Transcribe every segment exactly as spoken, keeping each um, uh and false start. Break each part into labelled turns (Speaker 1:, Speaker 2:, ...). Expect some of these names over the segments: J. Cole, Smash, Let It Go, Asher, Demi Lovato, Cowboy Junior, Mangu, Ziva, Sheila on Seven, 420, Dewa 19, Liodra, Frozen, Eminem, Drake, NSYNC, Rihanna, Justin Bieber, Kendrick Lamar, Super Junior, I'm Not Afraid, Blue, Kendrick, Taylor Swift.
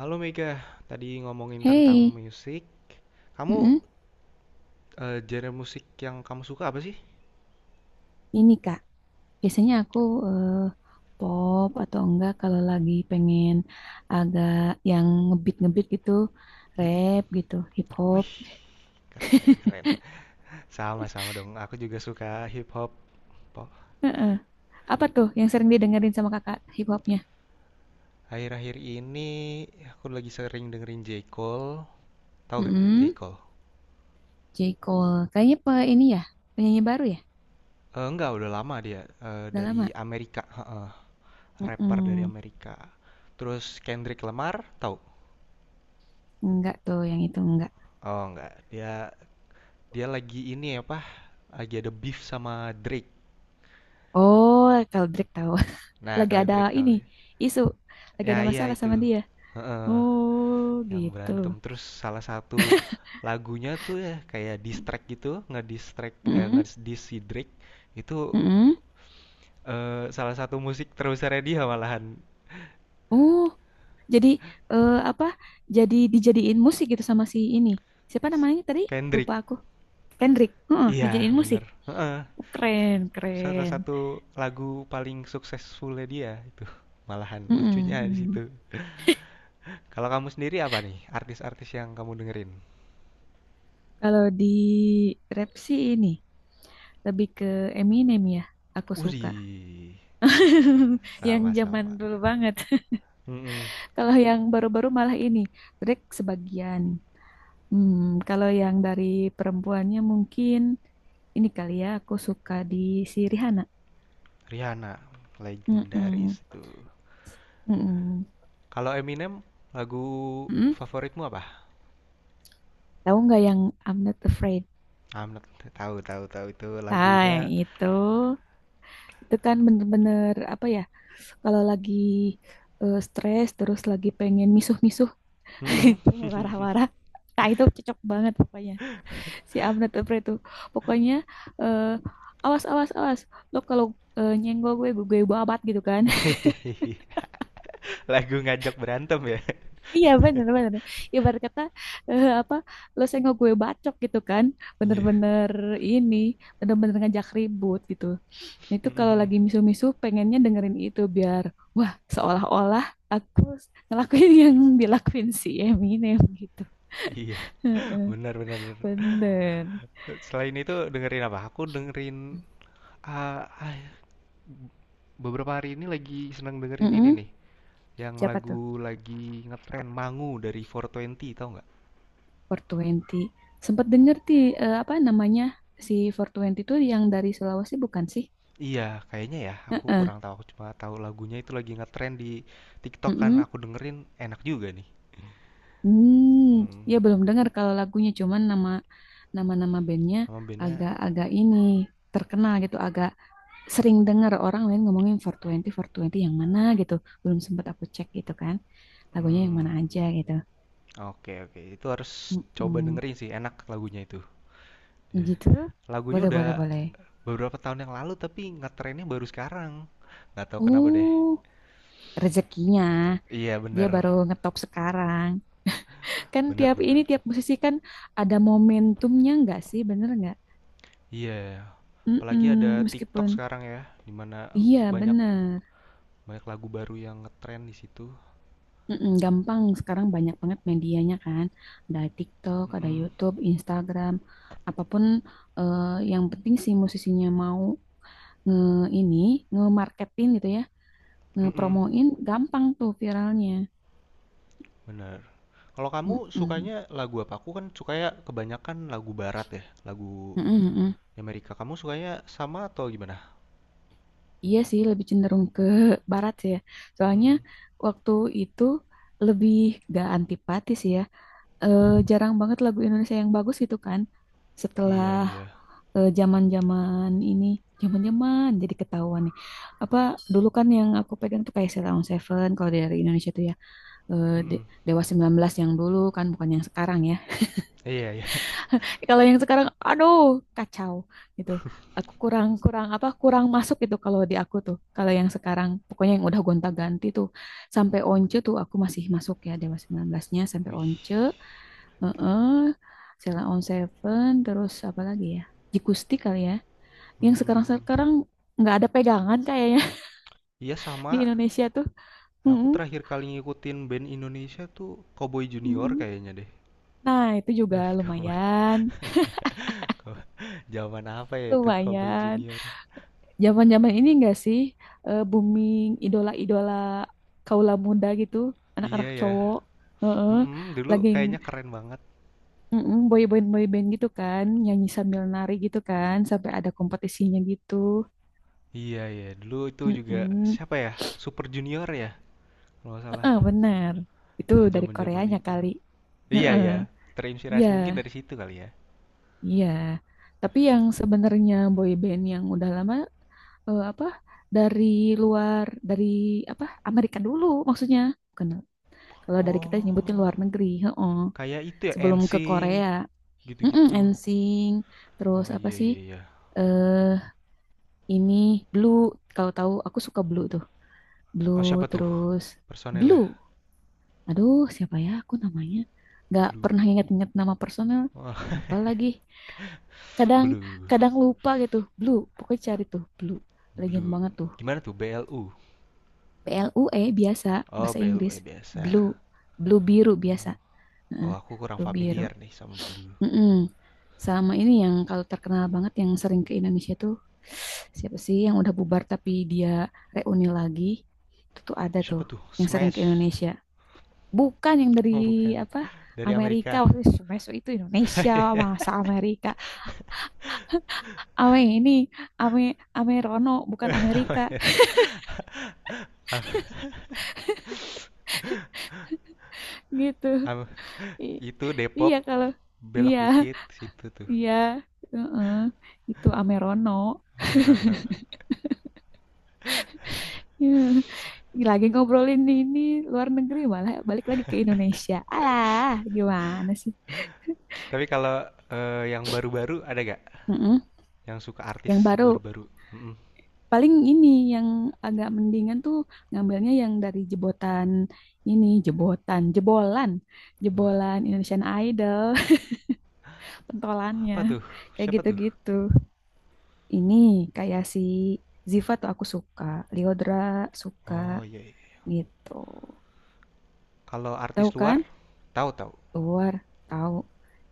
Speaker 1: Halo Mega, tadi ngomongin tentang
Speaker 2: Hey,
Speaker 1: musik. Kamu
Speaker 2: mm-mm.
Speaker 1: eh, genre musik yang kamu suka apa sih?
Speaker 2: Ini Kak, biasanya aku eh, pop atau enggak kalau lagi pengen agak yang ngebeat-ngebeat gitu,
Speaker 1: Mm-mm.
Speaker 2: rap gitu, hip hop.
Speaker 1: Wih, keren keren. Sama-sama dong, aku juga suka hip hop. Po-
Speaker 2: Heeh. Apa tuh yang sering didengerin sama Kakak hip hopnya?
Speaker 1: Akhir-akhir ini aku lagi sering dengerin J. Cole. Tahu gak J.
Speaker 2: Mm-mm.
Speaker 1: Cole?
Speaker 2: J. Cole, kayaknya pe ini ya, penyanyi baru ya,
Speaker 1: Eh, enggak, udah lama dia, eh,
Speaker 2: udah
Speaker 1: dari
Speaker 2: lama.
Speaker 1: Amerika, heeh. Rapper dari
Speaker 2: Mm-mm.
Speaker 1: Amerika. Terus Kendrick Lamar, tahu?
Speaker 2: Enggak tuh yang itu enggak.
Speaker 1: Oh enggak, dia dia lagi ini apa? Lagi ada beef sama Drake.
Speaker 2: Oh, kalau Drake tahu,
Speaker 1: Nah,
Speaker 2: lagi
Speaker 1: kalau
Speaker 2: ada
Speaker 1: Drake tahu.
Speaker 2: ini isu, lagi
Speaker 1: Ya
Speaker 2: ada
Speaker 1: iya
Speaker 2: masalah sama
Speaker 1: itu.
Speaker 2: dia.
Speaker 1: Heeh,
Speaker 2: Oh,
Speaker 1: yang
Speaker 2: gitu.
Speaker 1: berantem. Terus salah satu lagunya tuh ya kayak distrack gitu, ngedistrack eh
Speaker 2: Mm-mm.
Speaker 1: ngediss si itu,
Speaker 2: Mm-mm.
Speaker 1: eh, salah satu musik terbesarnya dia malahan.
Speaker 2: Oh, jadi eh, apa? Jadi dijadiin musik gitu sama si ini. Siapa namanya tadi? Lupa
Speaker 1: Kendrick.
Speaker 2: aku. Kendrick. Heeh,
Speaker 1: Iya,
Speaker 2: dijadiin musik.
Speaker 1: bener. Heeh,
Speaker 2: Keren,
Speaker 1: salah
Speaker 2: keren.
Speaker 1: satu lagu paling suksesfulnya dia itu. Malahan
Speaker 2: Mm-mm,
Speaker 1: lucunya di
Speaker 2: mm.
Speaker 1: situ. Kalau kamu sendiri apa nih artis-artis yang kamu dengerin?
Speaker 2: Kalau di rap sih ini lebih ke Eminem ya. Aku suka
Speaker 1: Wih,
Speaker 2: yang zaman
Speaker 1: sama-sama.
Speaker 2: dulu banget.
Speaker 1: Mm-mm.
Speaker 2: Kalau yang baru-baru malah ini Drake sebagian. Hmm, kalau yang dari perempuannya mungkin ini kali ya. Aku suka di si Rihanna.
Speaker 1: Rihanna, legendaris
Speaker 2: Mm-mm.
Speaker 1: itu.
Speaker 2: Mm-mm.
Speaker 1: Kalau Eminem, lagu
Speaker 2: Mm-mm.
Speaker 1: favoritmu apa?
Speaker 2: Tahu nggak yang I'm Not Afraid?
Speaker 1: I'm not- tahu tahu tahu itu
Speaker 2: Nah, yang
Speaker 1: lagunya.
Speaker 2: itu itu kan bener-bener apa ya? Kalau lagi eh, stres terus lagi pengen misuh-misuh,
Speaker 1: Mm-mm.
Speaker 2: pengen marah-marah. Nah, itu cocok banget pokoknya. Si I'm Not Afraid tuh. Pokoknya eh, awas awas awas. Lo kalau eh, nyenggol gue, gue gue babat gitu kan.
Speaker 1: Lagu ngajak berantem ya.
Speaker 2: Iya bener-bener. Ibarat kata eh, apa? Lo senggol gue bacok gitu kan.
Speaker 1: Iya.
Speaker 2: Bener-bener ini, bener-bener ngajak ribut gitu. Nah, itu kalau
Speaker 1: mm.
Speaker 2: lagi misu-misu pengennya dengerin itu biar wah seolah-olah aku ngelakuin yang dilakuin si Eminem gitu.
Speaker 1: Iya,
Speaker 2: Heeh,
Speaker 1: benar benar benar.
Speaker 2: bener.
Speaker 1: Selain itu dengerin apa? Aku dengerin ah, ah, beberapa hari ini lagi seneng dengerin ini
Speaker 2: Mm-mm.
Speaker 1: nih. Yang
Speaker 2: Siapa tuh?
Speaker 1: lagu lagi ngetren Mangu dari four twenty, tau nggak?
Speaker 2: four twenty. Sempet denger ti eh, apa namanya si four Twenty tuh yang dari Sulawesi bukan sih?
Speaker 1: Iya, kayaknya ya. Aku
Speaker 2: Heeh.
Speaker 1: kurang tahu. Aku cuma tahu lagunya itu lagi ngetren di TikTok kan.
Speaker 2: Mm-mm.
Speaker 1: Aku dengerin enak juga nih.
Speaker 2: Hmm,
Speaker 1: Mhm,
Speaker 2: ya belum dengar kalau lagunya cuman nama nama-nama bandnya
Speaker 1: nama bandnya.
Speaker 2: agak-agak ini terkenal gitu, agak sering dengar orang lain ngomongin four twenty, Twenty yang mana gitu. Belum sempat aku cek gitu kan. Lagunya yang
Speaker 1: Mmm,
Speaker 2: mana aja gitu.
Speaker 1: oke oke, itu harus coba
Speaker 2: Mm-mm.
Speaker 1: dengerin sih, enak lagunya itu. Iya.
Speaker 2: Gitu.
Speaker 1: Lagunya
Speaker 2: Boleh,
Speaker 1: udah
Speaker 2: boleh, boleh.
Speaker 1: beberapa tahun yang lalu, tapi ngetrennya baru sekarang, nggak tahu kenapa deh.
Speaker 2: Uh, rezekinya.
Speaker 1: Iya
Speaker 2: Dia
Speaker 1: bener,
Speaker 2: baru ngetop sekarang. Kan
Speaker 1: bener
Speaker 2: tiap ini,
Speaker 1: bener.
Speaker 2: tiap musisi kan ada momentumnya nggak sih? Bener nggak?
Speaker 1: Iya, apalagi
Speaker 2: Mm-mm.
Speaker 1: ada TikTok
Speaker 2: Meskipun,
Speaker 1: sekarang ya, dimana
Speaker 2: iya
Speaker 1: banyak
Speaker 2: bener.
Speaker 1: banyak lagu baru yang ngetren di situ.
Speaker 2: Mm-mm, gampang sekarang banyak banget medianya kan ada TikTok ada
Speaker 1: Mhm,
Speaker 2: YouTube Instagram apapun eh, yang penting si musisinya mau nge ini nge-marketin gitu ya nge
Speaker 1: mhm,
Speaker 2: promoin gampang tuh viralnya.
Speaker 1: bener. Kalau kamu
Speaker 2: Mm-mm.
Speaker 1: sukanya lagu apa? Aku kan sukanya kebanyakan lagu barat ya, lagu
Speaker 2: Mm-mm, mm-mm.
Speaker 1: Amerika. Kamu sukanya sama atau gimana?
Speaker 2: Iya sih lebih cenderung ke barat sih ya soalnya
Speaker 1: Mhm.
Speaker 2: waktu itu lebih gak antipatis ya. Eh, jarang banget lagu Indonesia yang bagus gitu kan setelah
Speaker 1: Iya iya.
Speaker 2: eh, zaman-zaman ini, zaman-zaman jadi ketahuan nih. Apa dulu kan yang aku pegang tuh kayak Sheila Seven kalau dari Indonesia tuh ya eh, De-
Speaker 1: Mhm.
Speaker 2: Dewa sembilan belas yang dulu kan bukan yang sekarang ya.
Speaker 1: Iya iya.
Speaker 2: Kalau yang sekarang aduh kacau gitu. Aku kurang kurang apa kurang masuk gitu kalau di aku tuh. Kalau yang sekarang pokoknya yang udah gonta-ganti tuh sampai Once tuh aku masih masuk ya Dewa sembilan belas-nya sampai
Speaker 1: Wih.
Speaker 2: Once, heeh. Sheila on Seven terus apa lagi ya? Jikusti kali ya yang
Speaker 1: Mmm,
Speaker 2: sekarang-sekarang nggak ada pegangan kayaknya
Speaker 1: iya
Speaker 2: di
Speaker 1: sama,
Speaker 2: Indonesia tuh.
Speaker 1: aku
Speaker 2: Mm-mm,
Speaker 1: terakhir kali ngikutin band Indonesia tuh Cowboy Junior
Speaker 2: mm-mm.
Speaker 1: kayaknya deh.
Speaker 2: Nah, itu juga
Speaker 1: Cowboy
Speaker 2: lumayan,
Speaker 1: Cow zaman apa ya itu Cowboy
Speaker 2: lumayan.
Speaker 1: Junior?
Speaker 2: Zaman-zaman ini enggak sih eh, booming idola-idola kaula muda gitu,
Speaker 1: Iya
Speaker 2: anak-anak
Speaker 1: ya,
Speaker 2: cowok. Heeh,
Speaker 1: mhm, dulu
Speaker 2: lagi
Speaker 1: kayaknya keren banget.
Speaker 2: mm-mm, boy band boy band gitu kan, nyanyi sambil nari gitu kan, sampai ada kompetisinya gitu.
Speaker 1: Iya ya, dulu itu juga
Speaker 2: Mm-mm.
Speaker 1: siapa ya, Super Junior ya kalau nggak salah,
Speaker 2: Heeh, benar. Itu
Speaker 1: iya
Speaker 2: dari
Speaker 1: zaman-zaman
Speaker 2: Koreanya
Speaker 1: itu.
Speaker 2: kali.
Speaker 1: Iya
Speaker 2: Heeh.
Speaker 1: ya,
Speaker 2: Iya.
Speaker 1: terinspirasi mungkin dari situ kali ya?
Speaker 2: Iya, tapi yang sebenarnya boy band yang udah lama eh, apa dari luar dari apa Amerika dulu maksudnya. Bukan, kalau dari kita nyebutin
Speaker 1: Oh,
Speaker 2: luar negeri, heeh.
Speaker 1: kayak itu ya,
Speaker 2: Sebelum ke
Speaker 1: en sync
Speaker 2: Korea. Mm-mm,
Speaker 1: gitu-gitu.
Speaker 2: N Sync, terus
Speaker 1: Oh,
Speaker 2: apa
Speaker 1: iya
Speaker 2: sih?
Speaker 1: iya iya.
Speaker 2: Eh ini Blue, kalau tahu aku suka Blue tuh.
Speaker 1: Oh
Speaker 2: Blue
Speaker 1: siapa tuh,
Speaker 2: terus
Speaker 1: personel
Speaker 2: Blue.
Speaker 1: lah.
Speaker 2: Aduh, siapa ya aku namanya? Nggak
Speaker 1: Blue.
Speaker 2: pernah ingat-ingat nama personel.
Speaker 1: Wah oh,
Speaker 2: Lupa lagi. Kadang
Speaker 1: Blue
Speaker 2: kadang lupa gitu, blue pokoknya cari tuh blue legend
Speaker 1: Blue
Speaker 2: banget tuh.
Speaker 1: gimana tuh blu?
Speaker 2: P L U E biasa
Speaker 1: Oh
Speaker 2: bahasa
Speaker 1: blu,
Speaker 2: Inggris
Speaker 1: eh, biasa.
Speaker 2: blue, blue biru biasa.
Speaker 1: Blue. Oh
Speaker 2: Heeh,
Speaker 1: aku kurang
Speaker 2: blue biru.
Speaker 1: familiar nih sama Blue.
Speaker 2: Mm-mm. Sama ini yang kalau terkenal banget yang sering ke Indonesia tuh siapa sih yang udah bubar tapi dia reuni lagi, itu tuh ada tuh
Speaker 1: Siapa tuh?
Speaker 2: yang sering ke
Speaker 1: Smash.
Speaker 2: Indonesia bukan yang dari
Speaker 1: Oh bukan
Speaker 2: apa
Speaker 1: dari
Speaker 2: Amerika
Speaker 1: Amerika.
Speaker 2: waktu itu. Smash itu Indonesia, masa Amerika. Ame ini, Ame Amerono bukan Amerika gitu. I-
Speaker 1: itu
Speaker 2: iya
Speaker 1: Depok,
Speaker 2: kalau,
Speaker 1: belok
Speaker 2: iya
Speaker 1: dikit situ tuh.
Speaker 2: iya heeh, itu Amerono.
Speaker 1: Amerono.
Speaker 2: Iya. Lagi ngobrolin ini luar negeri malah balik lagi ke Indonesia alah gimana sih.
Speaker 1: Tapi kalau, eh, yang baru-baru ada gak?
Speaker 2: Heeh.
Speaker 1: Yang suka
Speaker 2: Yang
Speaker 1: artis
Speaker 2: baru
Speaker 1: baru-baru? Mm-mm.
Speaker 2: paling ini yang agak mendingan tuh ngambilnya yang dari jebotan ini jebotan jebolan, jebolan Indonesian Idol pentolannya
Speaker 1: Apa tuh?
Speaker 2: kayak
Speaker 1: Siapa tuh?
Speaker 2: gitu-gitu ini kayak si Ziva tuh aku suka, Liodra suka
Speaker 1: Oh iya, iya.
Speaker 2: gitu.
Speaker 1: Kalau artis
Speaker 2: Tahu
Speaker 1: luar,
Speaker 2: kan?
Speaker 1: tahu tahu.
Speaker 2: Luar tahu.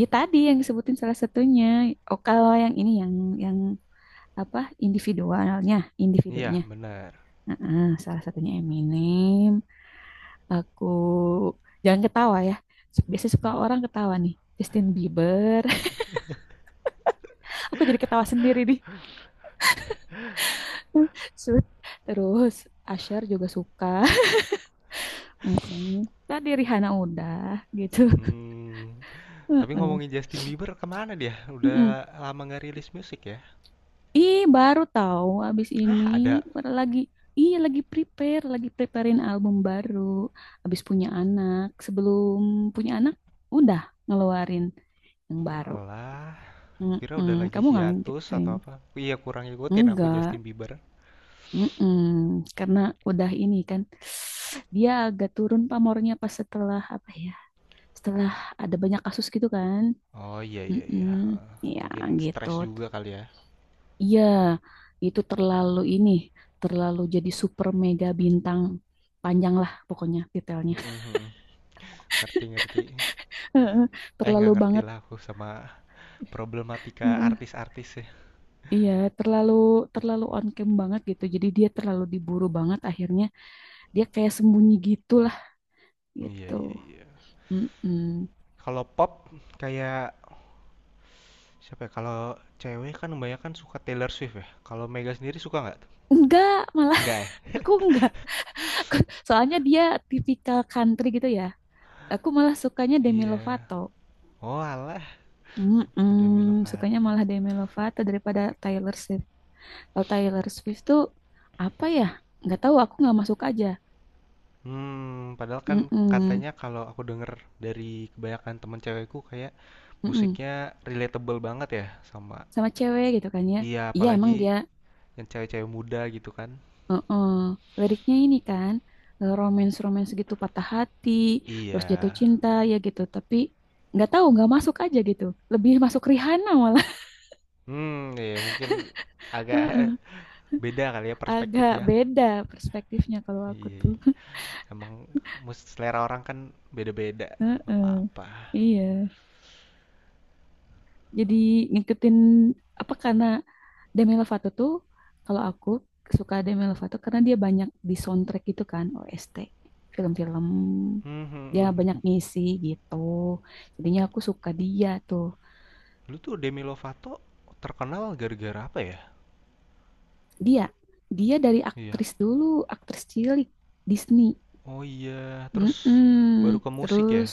Speaker 2: Ya tadi yang disebutin salah satunya. Oh kalau yang ini yang yang apa individualnya, individunya.
Speaker 1: Iya, benar.
Speaker 2: Heeh, salah satunya Eminem. Aku jangan ketawa ya. Biasanya suka orang ketawa nih. Justin Bieber. Aku jadi ketawa sendiri nih. Sud. Terus Asher juga suka. Mm-mm. Tadi Rihanna udah gitu.
Speaker 1: Hmm, tapi
Speaker 2: Mm-mm.
Speaker 1: ngomongin Justin Bieber kemana dia? Udah
Speaker 2: Mm-mm.
Speaker 1: lama nggak rilis musik ya?
Speaker 2: Ih, baru tahu abis ini
Speaker 1: Hah, ada?
Speaker 2: baru lagi, iya lagi prepare, lagi preparein album baru abis punya anak. Sebelum punya anak udah ngeluarin yang baru.
Speaker 1: Walah, kira udah
Speaker 2: Mm-mm.
Speaker 1: lagi
Speaker 2: Kamu nggak
Speaker 1: hiatus
Speaker 2: ngikutin?
Speaker 1: atau apa? Iya, kurang ngikutin aku Justin
Speaker 2: Enggak.
Speaker 1: Bieber.
Speaker 2: Mm-mm. Karena udah ini kan dia agak turun pamornya pas setelah apa ya? Setelah ada banyak kasus gitu kan.
Speaker 1: Oh iya iya
Speaker 2: Mm-mm.
Speaker 1: iya. Heeh.
Speaker 2: Ya
Speaker 1: Mungkin
Speaker 2: gitu.
Speaker 1: stres juga kali ya.
Speaker 2: Iya, itu terlalu ini, terlalu jadi super mega bintang, panjang lah pokoknya titelnya.
Speaker 1: Mm-mm, mm mm. Ngerti ngerti. Eh nggak
Speaker 2: Terlalu
Speaker 1: ngerti
Speaker 2: banget.
Speaker 1: lah aku sama problematika
Speaker 2: Heeh.
Speaker 1: artis-artis ya.
Speaker 2: Iya, terlalu terlalu on cam banget gitu. Jadi dia terlalu diburu banget akhirnya dia kayak sembunyi gitulah
Speaker 1: Iya
Speaker 2: gitu.
Speaker 1: iya iya.
Speaker 2: Mm-mm.
Speaker 1: Kalau pop kayak, siapa ya? Kalau cewek kan kebanyakan suka Taylor Swift ya. Kalau Mega sendiri suka nggak tuh?
Speaker 2: Enggak, malah
Speaker 1: Nggak ya?
Speaker 2: aku enggak. Aku- Soalnya dia tipikal country gitu ya. Aku malah sukanya Demi
Speaker 1: Iya.
Speaker 2: Lovato.
Speaker 1: Oh alah, Demi
Speaker 2: Mm-mm, sukanya
Speaker 1: Lovato.
Speaker 2: malah Demi Lovato daripada Taylor Swift. Kalau Taylor Swift tuh apa ya? Nggak tahu, aku nggak masuk aja.
Speaker 1: Hmm, padahal kan
Speaker 2: Mm-mm,
Speaker 1: katanya kalau aku denger dari kebanyakan temen cewekku kayak
Speaker 2: mm-mm.
Speaker 1: musiknya relatable banget ya sama.
Speaker 2: Sama cewek gitu kan ya.
Speaker 1: Iya,
Speaker 2: Iya emang
Speaker 1: apalagi
Speaker 2: dia
Speaker 1: yang cewek-cewek muda gitu kan.
Speaker 2: uh-uh. Liriknya ini kan eh, romance-romance gitu patah hati, terus jatuh
Speaker 1: Iya.
Speaker 2: cinta ya gitu. Tapi nggak tahu, nggak masuk aja gitu. Lebih masuk Rihanna malah.
Speaker 1: Hmm, iya mungkin agak
Speaker 2: Heeh.
Speaker 1: beda kali ya
Speaker 2: Agak
Speaker 1: perspektifnya.
Speaker 2: beda perspektifnya kalau aku
Speaker 1: Iya,
Speaker 2: tuh.
Speaker 1: iya. Emang mus- selera orang kan beda-beda, nggak
Speaker 2: Heeh.
Speaker 1: apa-apa.
Speaker 2: Iya. Jadi ngikutin apa karena Demi Lovato tuh kalau aku suka Demi Lovato karena dia banyak di soundtrack gitu kan O S T film-film
Speaker 1: Hmm,
Speaker 2: dia
Speaker 1: hmm, hmm.
Speaker 2: banyak ngisi gitu jadinya aku suka dia tuh.
Speaker 1: Dulu tuh Demi Lovato terkenal gara-gara apa ya?
Speaker 2: Dia dia dari
Speaker 1: Iya.
Speaker 2: aktris dulu, aktris cilik Disney.
Speaker 1: Oh iya, terus
Speaker 2: Mm-mm.
Speaker 1: baru ke musik ya?
Speaker 2: Terus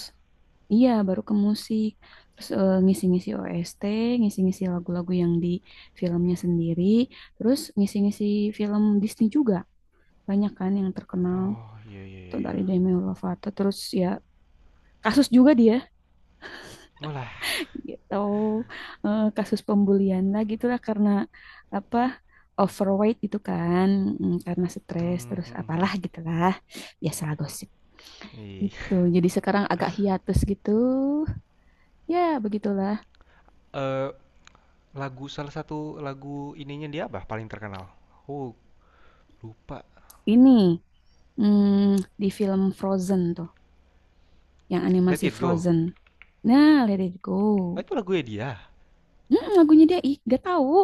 Speaker 2: iya baru ke musik terus eh, ngisi-ngisi O S T, ngisi-ngisi lagu-lagu yang di filmnya sendiri, terus ngisi-ngisi film Disney juga banyak kan yang terkenal
Speaker 1: Oh iya iya iya,
Speaker 2: tuh
Speaker 1: iya.
Speaker 2: dari Demi Lovato terus ya kasus juga dia
Speaker 1: Walah.
Speaker 2: gitu. Eh, kasus pembulian lah gitulah karena apa overweight itu kan mm, karena stres
Speaker 1: Hmm,
Speaker 2: terus
Speaker 1: hmm, hmm, hmm.
Speaker 2: apalah gitulah biasalah gosip
Speaker 1: Ih.
Speaker 2: gitu jadi sekarang agak hiatus gitu ya begitulah.
Speaker 1: Eh, lagu, salah satu lagu ininya dia apa paling terkenal? Oh, lupa.
Speaker 2: Ini mm, di film Frozen tuh yang
Speaker 1: Let
Speaker 2: animasi
Speaker 1: It Go.
Speaker 2: Frozen, nah Let It Go.
Speaker 1: Oh, itu lagunya dia.
Speaker 2: Mm, lagunya dia ih gak tahu.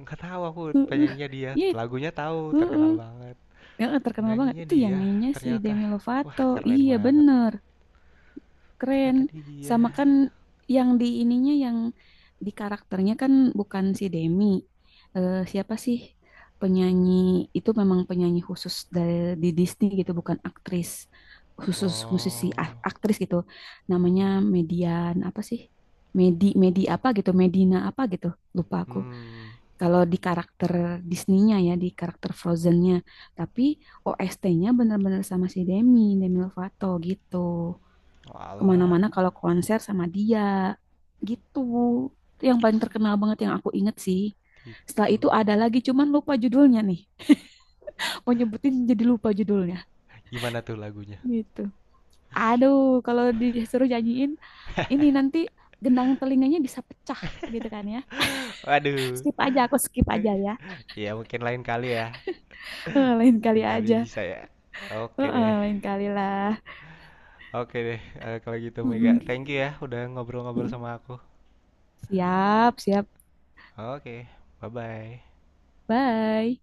Speaker 1: Nggak tahu aku
Speaker 2: Heeh,
Speaker 1: penyanyinya dia.
Speaker 2: iya,
Speaker 1: Lagunya tahu,
Speaker 2: heeh.
Speaker 1: terkenal banget.
Speaker 2: Heeh, terkenal banget.
Speaker 1: Penyanyinya
Speaker 2: Itu yang
Speaker 1: dia
Speaker 2: nyanyinya si
Speaker 1: ternyata.
Speaker 2: Demi
Speaker 1: Wah,
Speaker 2: Lovato.
Speaker 1: keren
Speaker 2: Iya
Speaker 1: banget.
Speaker 2: bener, keren.
Speaker 1: Ternyata
Speaker 2: Sama kan
Speaker 1: dia.
Speaker 2: yang di ininya yang di karakternya kan bukan si Demi. Eh, siapa sih penyanyi itu, memang penyanyi khusus dari di Disney gitu, bukan aktris khusus musisi
Speaker 1: Oh.
Speaker 2: a- aktris gitu. Namanya
Speaker 1: Mm.
Speaker 2: Median apa sih? Medi Medi apa gitu, Medina apa gitu. Lupa aku.
Speaker 1: Hmm.
Speaker 2: Kalau di karakter Disney-nya ya, di karakter Frozen-nya. Tapi O S T-nya benar-benar sama si Demi, Demi Lovato gitu. Kemana-mana
Speaker 1: Walah,
Speaker 2: kalau konser sama dia gitu. Itu yang paling terkenal banget yang aku inget sih. Setelah
Speaker 1: gitu.
Speaker 2: itu ada lagi, cuman lupa judulnya nih. Mau nyebutin jadi lupa judulnya
Speaker 1: Gimana tuh lagunya?
Speaker 2: gitu. Aduh, kalau disuruh nyanyiin, ini nanti gendang telinganya bisa pecah gitu kan ya.
Speaker 1: Waduh.
Speaker 2: Skip aja, aku skip aja ya.
Speaker 1: Ya mungkin lain kali ya.
Speaker 2: Eh, lain kali
Speaker 1: Lain kali
Speaker 2: aja.
Speaker 1: bisa ya.
Speaker 2: Eh,
Speaker 1: Oke
Speaker 2: eh,
Speaker 1: deh.
Speaker 2: lain kali lah.
Speaker 1: Oke deh. Eh, kalau gitu Mega,
Speaker 2: Mm-mm.
Speaker 1: thank you ya udah ngobrol-ngobrol sama aku.
Speaker 2: Siap, siap.
Speaker 1: Oke, bye-bye.
Speaker 2: Bye.